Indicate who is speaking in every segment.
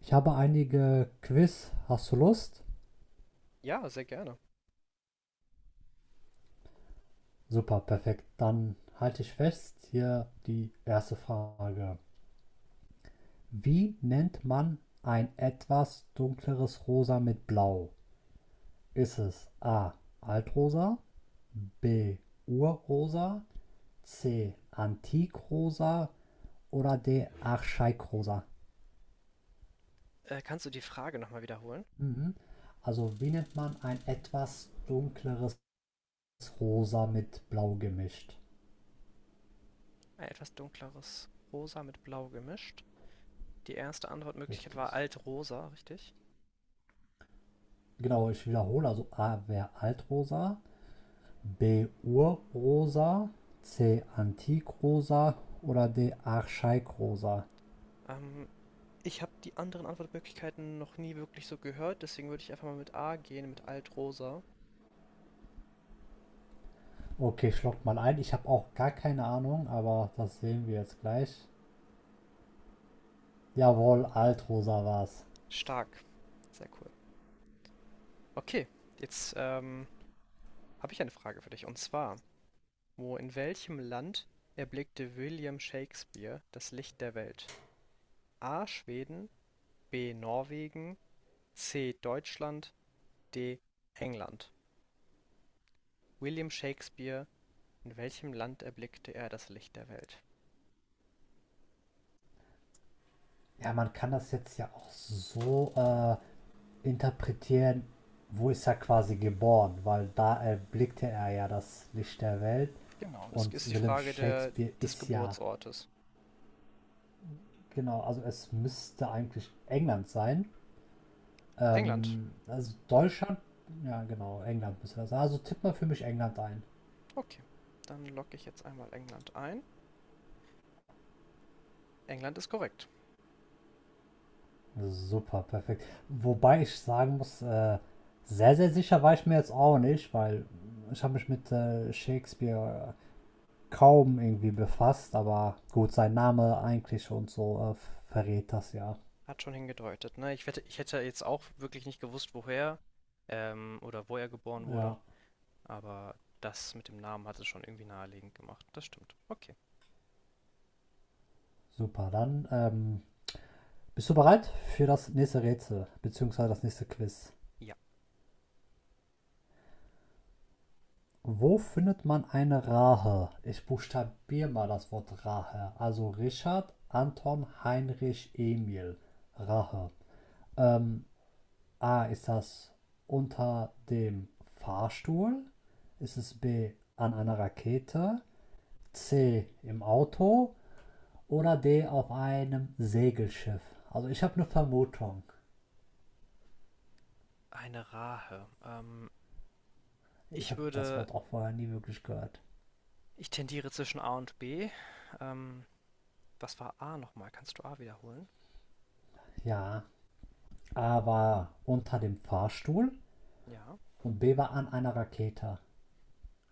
Speaker 1: Ich habe einige Quiz. Hast du Lust?
Speaker 2: Ja, sehr gerne.
Speaker 1: Super, perfekt. Dann halte ich fest. Hier die erste Frage. Wie nennt man ein etwas dunkleres Rosa mit Blau? Ist es A. Altrosa, B. Urrosa, C. Antikrosa oder D. Archaikrosa?
Speaker 2: Kannst du die Frage noch mal wiederholen?
Speaker 1: Mhm. Also wie nennt man ein etwas dunkleres Rosa mit Blau gemischt?
Speaker 2: Ein etwas dunkleres Rosa mit Blau gemischt. Die erste Antwortmöglichkeit
Speaker 1: Richtig.
Speaker 2: war Altrosa, richtig?
Speaker 1: Genau, ich wiederhole. Also A wäre Altrosa, B Urrosa, C Antikrosa oder D Archaikrosa.
Speaker 2: Ähm, Ich habe die anderen Antwortmöglichkeiten noch nie wirklich so gehört, deswegen würde ich einfach mal mit A gehen, mit Altrosa.
Speaker 1: Okay, ich log mal ein. Ich habe auch gar keine Ahnung, aber das sehen wir jetzt gleich. Jawohl, Altrosa war's.
Speaker 2: Stark. Sehr cool. Okay, jetzt habe ich eine Frage für dich. Und zwar, wo in welchem Land erblickte William Shakespeare das Licht der Welt? A. Schweden, B. Norwegen, C. Deutschland, D. England: William Shakespeare, in welchem Land erblickte er das Licht der Welt?
Speaker 1: Ja, man kann das jetzt ja auch so interpretieren, wo ist er quasi geboren, weil da erblickte er ja das Licht der Welt
Speaker 2: Genau, das ist
Speaker 1: und
Speaker 2: die
Speaker 1: William
Speaker 2: Frage der
Speaker 1: Shakespeare
Speaker 2: des
Speaker 1: ist ja.
Speaker 2: Geburtsortes.
Speaker 1: Genau, also es müsste eigentlich England sein.
Speaker 2: England.
Speaker 1: Also Deutschland, ja genau, England müsste das sein. Also tipp mal für mich England ein.
Speaker 2: Okay, dann logge ich jetzt einmal England ein. England ist korrekt.
Speaker 1: Super, perfekt. Wobei ich sagen muss, sehr, sehr sicher war ich mir jetzt auch nicht, weil ich habe mich mit Shakespeare kaum irgendwie befasst, aber gut, sein Name eigentlich und so verrät das ja.
Speaker 2: Hat schon hingedeutet, ne? Ich wette, ich hätte jetzt auch wirklich nicht gewusst, woher, oder wo er geboren wurde,
Speaker 1: Ja,
Speaker 2: aber das mit dem Namen hat es schon irgendwie naheliegend gemacht. Das stimmt. Okay.
Speaker 1: super. Dann bist du bereit für das nächste Rätsel, beziehungsweise das nächste Quiz?
Speaker 2: Ja,
Speaker 1: Wo findet man eine Rahe? Ich buchstabiere mal das Wort Rahe. Also Richard, Anton, Heinrich, Emil. Rahe. Ähm, A, ist das unter dem Fahrstuhl? Ist es B, an einer Rakete? C, im Auto? Oder D, auf einem Segelschiff? Also ich habe eine Vermutung.
Speaker 2: eine Rahe.
Speaker 1: Ich
Speaker 2: Ich
Speaker 1: habe das
Speaker 2: würde,
Speaker 1: Wort auch vorher nie wirklich gehört.
Speaker 2: Ich tendiere zwischen A und B. Ähm, was war A nochmal? Kannst du A wiederholen?
Speaker 1: Ja, A war unter dem Fahrstuhl
Speaker 2: Ja,
Speaker 1: und B war an einer Rakete.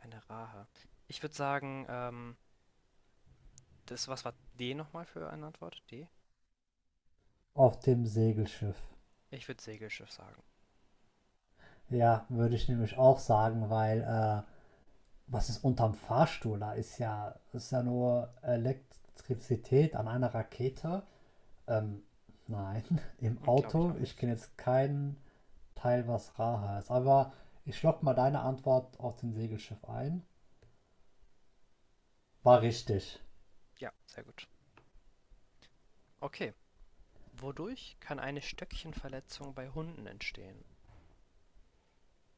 Speaker 2: eine Rahe. Ich würde sagen, das, was war D nochmal für eine Antwort? D?
Speaker 1: Auf dem Segelschiff.
Speaker 2: Ich würde Segelschiff sagen.
Speaker 1: Ja, würde ich nämlich auch sagen, weil was ist unterm Fahrstuhl? Da ist ja nur Elektrizität an einer Rakete. Ähm, nein, im
Speaker 2: Hm, glaube ich
Speaker 1: Auto,
Speaker 2: auch
Speaker 1: ich
Speaker 2: nicht.
Speaker 1: kenne jetzt keinen Teil, was rar heißt. Aber ich lock mal deine Antwort auf den Segelschiff ein. War richtig.
Speaker 2: Ja, sehr gut. Okay. Wodurch kann eine Stöckchenverletzung bei Hunden entstehen?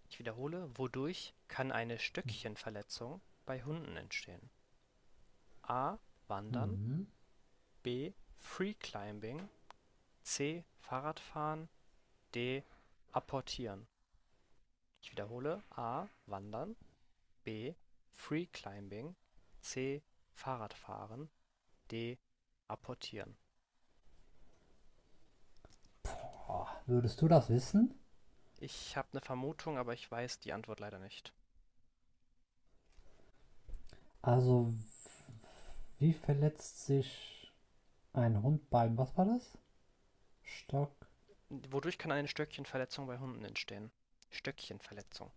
Speaker 2: Ich wiederhole, wodurch kann eine Stöckchenverletzung bei Hunden entstehen? A. Wandern.
Speaker 1: Mhm.
Speaker 2: B. Free Climbing. C. Fahrradfahren. D. Apportieren. Ich wiederhole, A. Wandern. B. Freeclimbing. C. Fahrradfahren. D. Apportieren.
Speaker 1: Boah, würdest du das wissen?
Speaker 2: Ich habe eine Vermutung, aber ich weiß die Antwort leider nicht.
Speaker 1: Also, wie verletzt sich ein Hund beim, was war das? Stock,
Speaker 2: Wodurch kann eine Stöckchenverletzung bei Hunden entstehen? Stöckchenverletzung,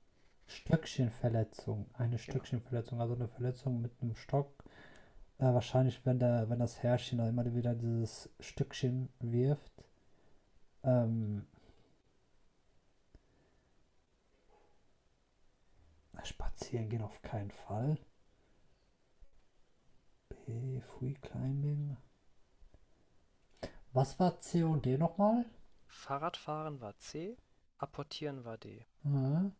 Speaker 1: Stöckchenverletzung, eine
Speaker 2: genau.
Speaker 1: Stöckchenverletzung, also eine Verletzung mit einem Stock. Wahrscheinlich, wenn, der, wenn das Herrchen da immer wieder dieses Stückchen wirft. Ähm, spazieren gehen auf keinen Fall. B, Free Climbing. Was war C und D nochmal?
Speaker 2: Fahrradfahren war C, Apportieren war D.
Speaker 1: Hm?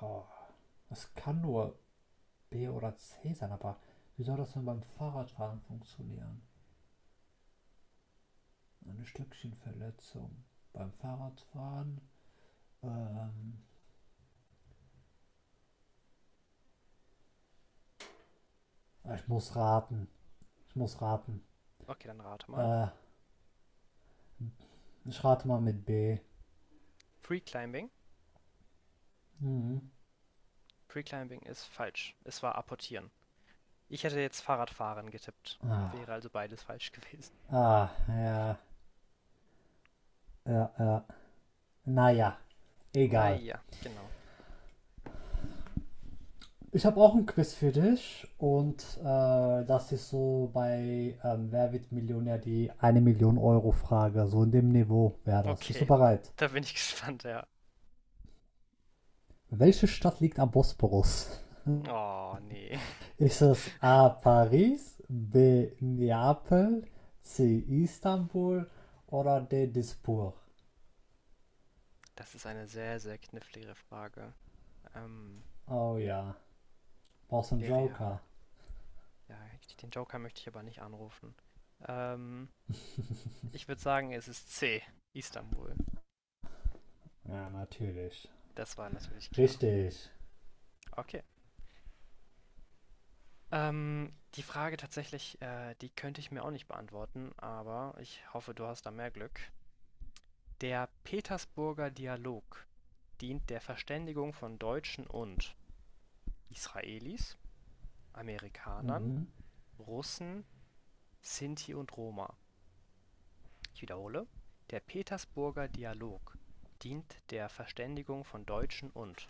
Speaker 1: Oh, das kann nur B oder C sein, aber wie soll das denn beim Fahrradfahren funktionieren? Eine Stückchenverletzung. Beim Fahrradfahren? Ähm, ich muss raten. Ich muss raten.
Speaker 2: Okay, dann rate mal.
Speaker 1: Äh, Ich rate mal mit B.
Speaker 2: Freeclimbing.
Speaker 1: Mhm.
Speaker 2: Freeclimbing ist falsch. Es war Apportieren. Ich hätte jetzt Fahrradfahren getippt.
Speaker 1: Ah,
Speaker 2: Wäre also beides falsch gewesen.
Speaker 1: ah, ja, ja, ja. Naja,
Speaker 2: Na
Speaker 1: egal.
Speaker 2: ja, genau.
Speaker 1: Ich habe auch ein Quiz für dich und das ist so bei Wer wird Millionär die eine 1 Million Euro Frage. So in dem Niveau wäre das. Bist du
Speaker 2: Okay,
Speaker 1: bereit?
Speaker 2: da bin ich gespannt, ja.
Speaker 1: Welche Stadt liegt am Bosporus?
Speaker 2: Oh, nee.
Speaker 1: Ist es A. Paris, B. Neapel, C. Istanbul oder D. Dispur?
Speaker 2: Das ist eine sehr, sehr knifflige Frage. Ähm,
Speaker 1: Oh ja, brauchst du einen
Speaker 2: wäre ja
Speaker 1: Joker?
Speaker 2: ja, ich, den Joker möchte ich aber nicht anrufen. Ähm, Ich würde sagen, es ist C, Istanbul.
Speaker 1: Ja, natürlich.
Speaker 2: Das war natürlich klar.
Speaker 1: Richtig.
Speaker 2: Okay. Die Frage tatsächlich, die könnte ich mir auch nicht beantworten, aber ich hoffe, du hast da mehr Glück. Der Petersburger Dialog dient der Verständigung von Deutschen und Israelis, Amerikanern,
Speaker 1: Mhm.
Speaker 2: Russen, Sinti und Roma. Ich wiederhole: Der Petersburger Dialog dient der Verständigung von Deutschen und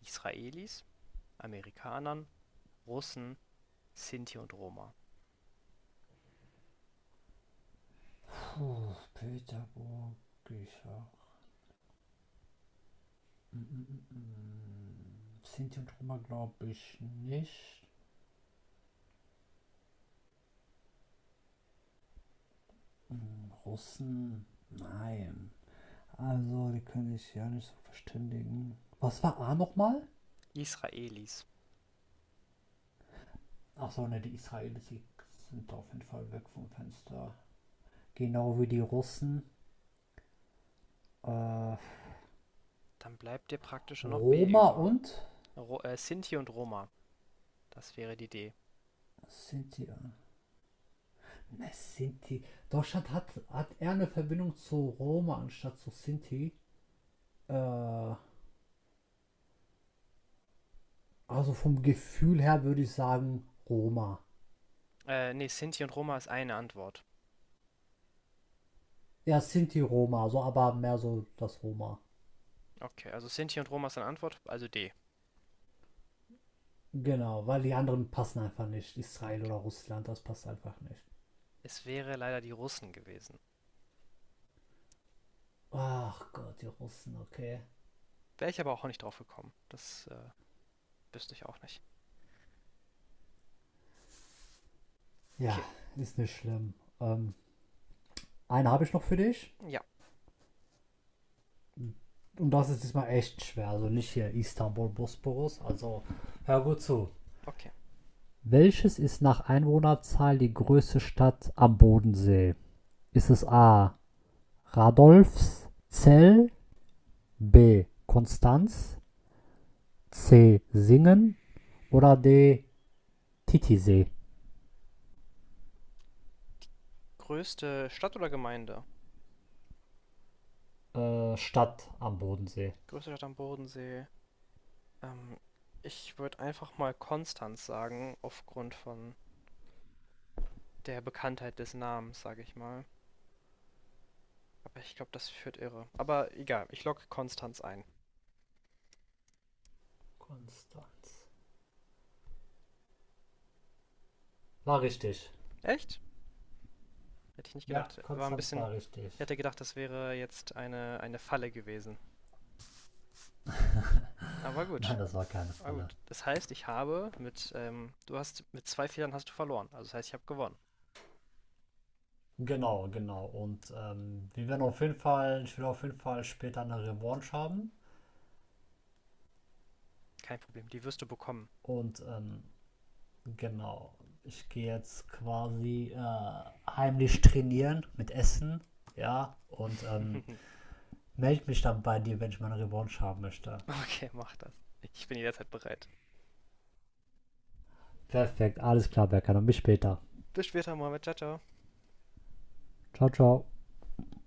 Speaker 2: Israelis, Amerikanern, Russen, Sinti und Roma.
Speaker 1: Puh, Peterburg, Bücher. Mm. Sinti und Roma glaube ich nicht. Russen, nein. Also, die können sich ja nicht so verständigen. Was war A nochmal?
Speaker 2: Israelis.
Speaker 1: Achso, ne, die Israelis sind auf jeden Fall weg vom Fenster. Genau wie die Russen. Äh,
Speaker 2: Dann bleibt dir praktisch noch B
Speaker 1: Roma
Speaker 2: über.
Speaker 1: und
Speaker 2: Ro Sinti und Roma. Das wäre die D.
Speaker 1: Sinti. Ja. Ne, Sinti. Deutschland hat, hat eher eine Verbindung zu Roma anstatt zu Sinti. Äh, also vom Gefühl her würde ich sagen Roma.
Speaker 2: Nee, Sinti und Roma ist eine Antwort.
Speaker 1: Ja, Sinti Roma, so aber mehr so das Roma.
Speaker 2: Okay, also Sinti und Roma ist eine Antwort, also D.
Speaker 1: Genau, weil die anderen passen einfach nicht. Israel
Speaker 2: Okay.
Speaker 1: oder Russland, das passt einfach nicht.
Speaker 2: Es wäre leider die Russen gewesen.
Speaker 1: Ach Gott, die Russen, okay.
Speaker 2: Wäre ich aber auch nicht drauf gekommen. Das wüsste ich auch nicht.
Speaker 1: Ja,
Speaker 2: Okay,
Speaker 1: ist nicht schlimm. Ähm, eine habe ich noch für dich.
Speaker 2: ja,
Speaker 1: Und das ist diesmal echt schwer. Also nicht hier Istanbul, Bosporus. Also hör gut zu.
Speaker 2: okay.
Speaker 1: Welches ist nach Einwohnerzahl die größte Stadt am Bodensee? Ist es A. Radolfszell, B. Konstanz, C. Singen oder D. Titisee.
Speaker 2: Größte Stadt oder Gemeinde?
Speaker 1: Stadt am Bodensee.
Speaker 2: Größte Stadt am Bodensee. Ähm, Ich würde einfach mal Konstanz sagen, aufgrund von der Bekanntheit des Namens, sage ich mal. Aber ich glaube, das führt irre. Aber egal, ich logge Konstanz ein.
Speaker 1: Konstanz. War richtig.
Speaker 2: Echt? Hätte ich nicht
Speaker 1: Ja,
Speaker 2: gedacht. War ein
Speaker 1: Konstanz
Speaker 2: bisschen.
Speaker 1: war richtig.
Speaker 2: Ich hätte gedacht, das wäre jetzt eine Falle gewesen. Aber gut.
Speaker 1: Nein, das war keine
Speaker 2: Aber
Speaker 1: Falle.
Speaker 2: gut. Das heißt, ich habe mit, du hast, mit zwei Fehlern hast du verloren. Also das heißt, ich habe gewonnen.
Speaker 1: Genau, genau. Und wir werden auf jeden Fall, ich will auf jeden Fall später eine Revanche haben.
Speaker 2: Kein Problem, die wirst du bekommen.
Speaker 1: Und genau, ich gehe jetzt quasi heimlich trainieren mit Essen. Ja, und melde mich dann bei dir, wenn ich meine Revanche haben möchte.
Speaker 2: Okay, mach das. Ich bin jederzeit bereit.
Speaker 1: Perfekt, alles klar, Berkan. Dann bis später.
Speaker 2: Bis später, Mohammed. Ciao, ciao.
Speaker 1: Ciao, ciao.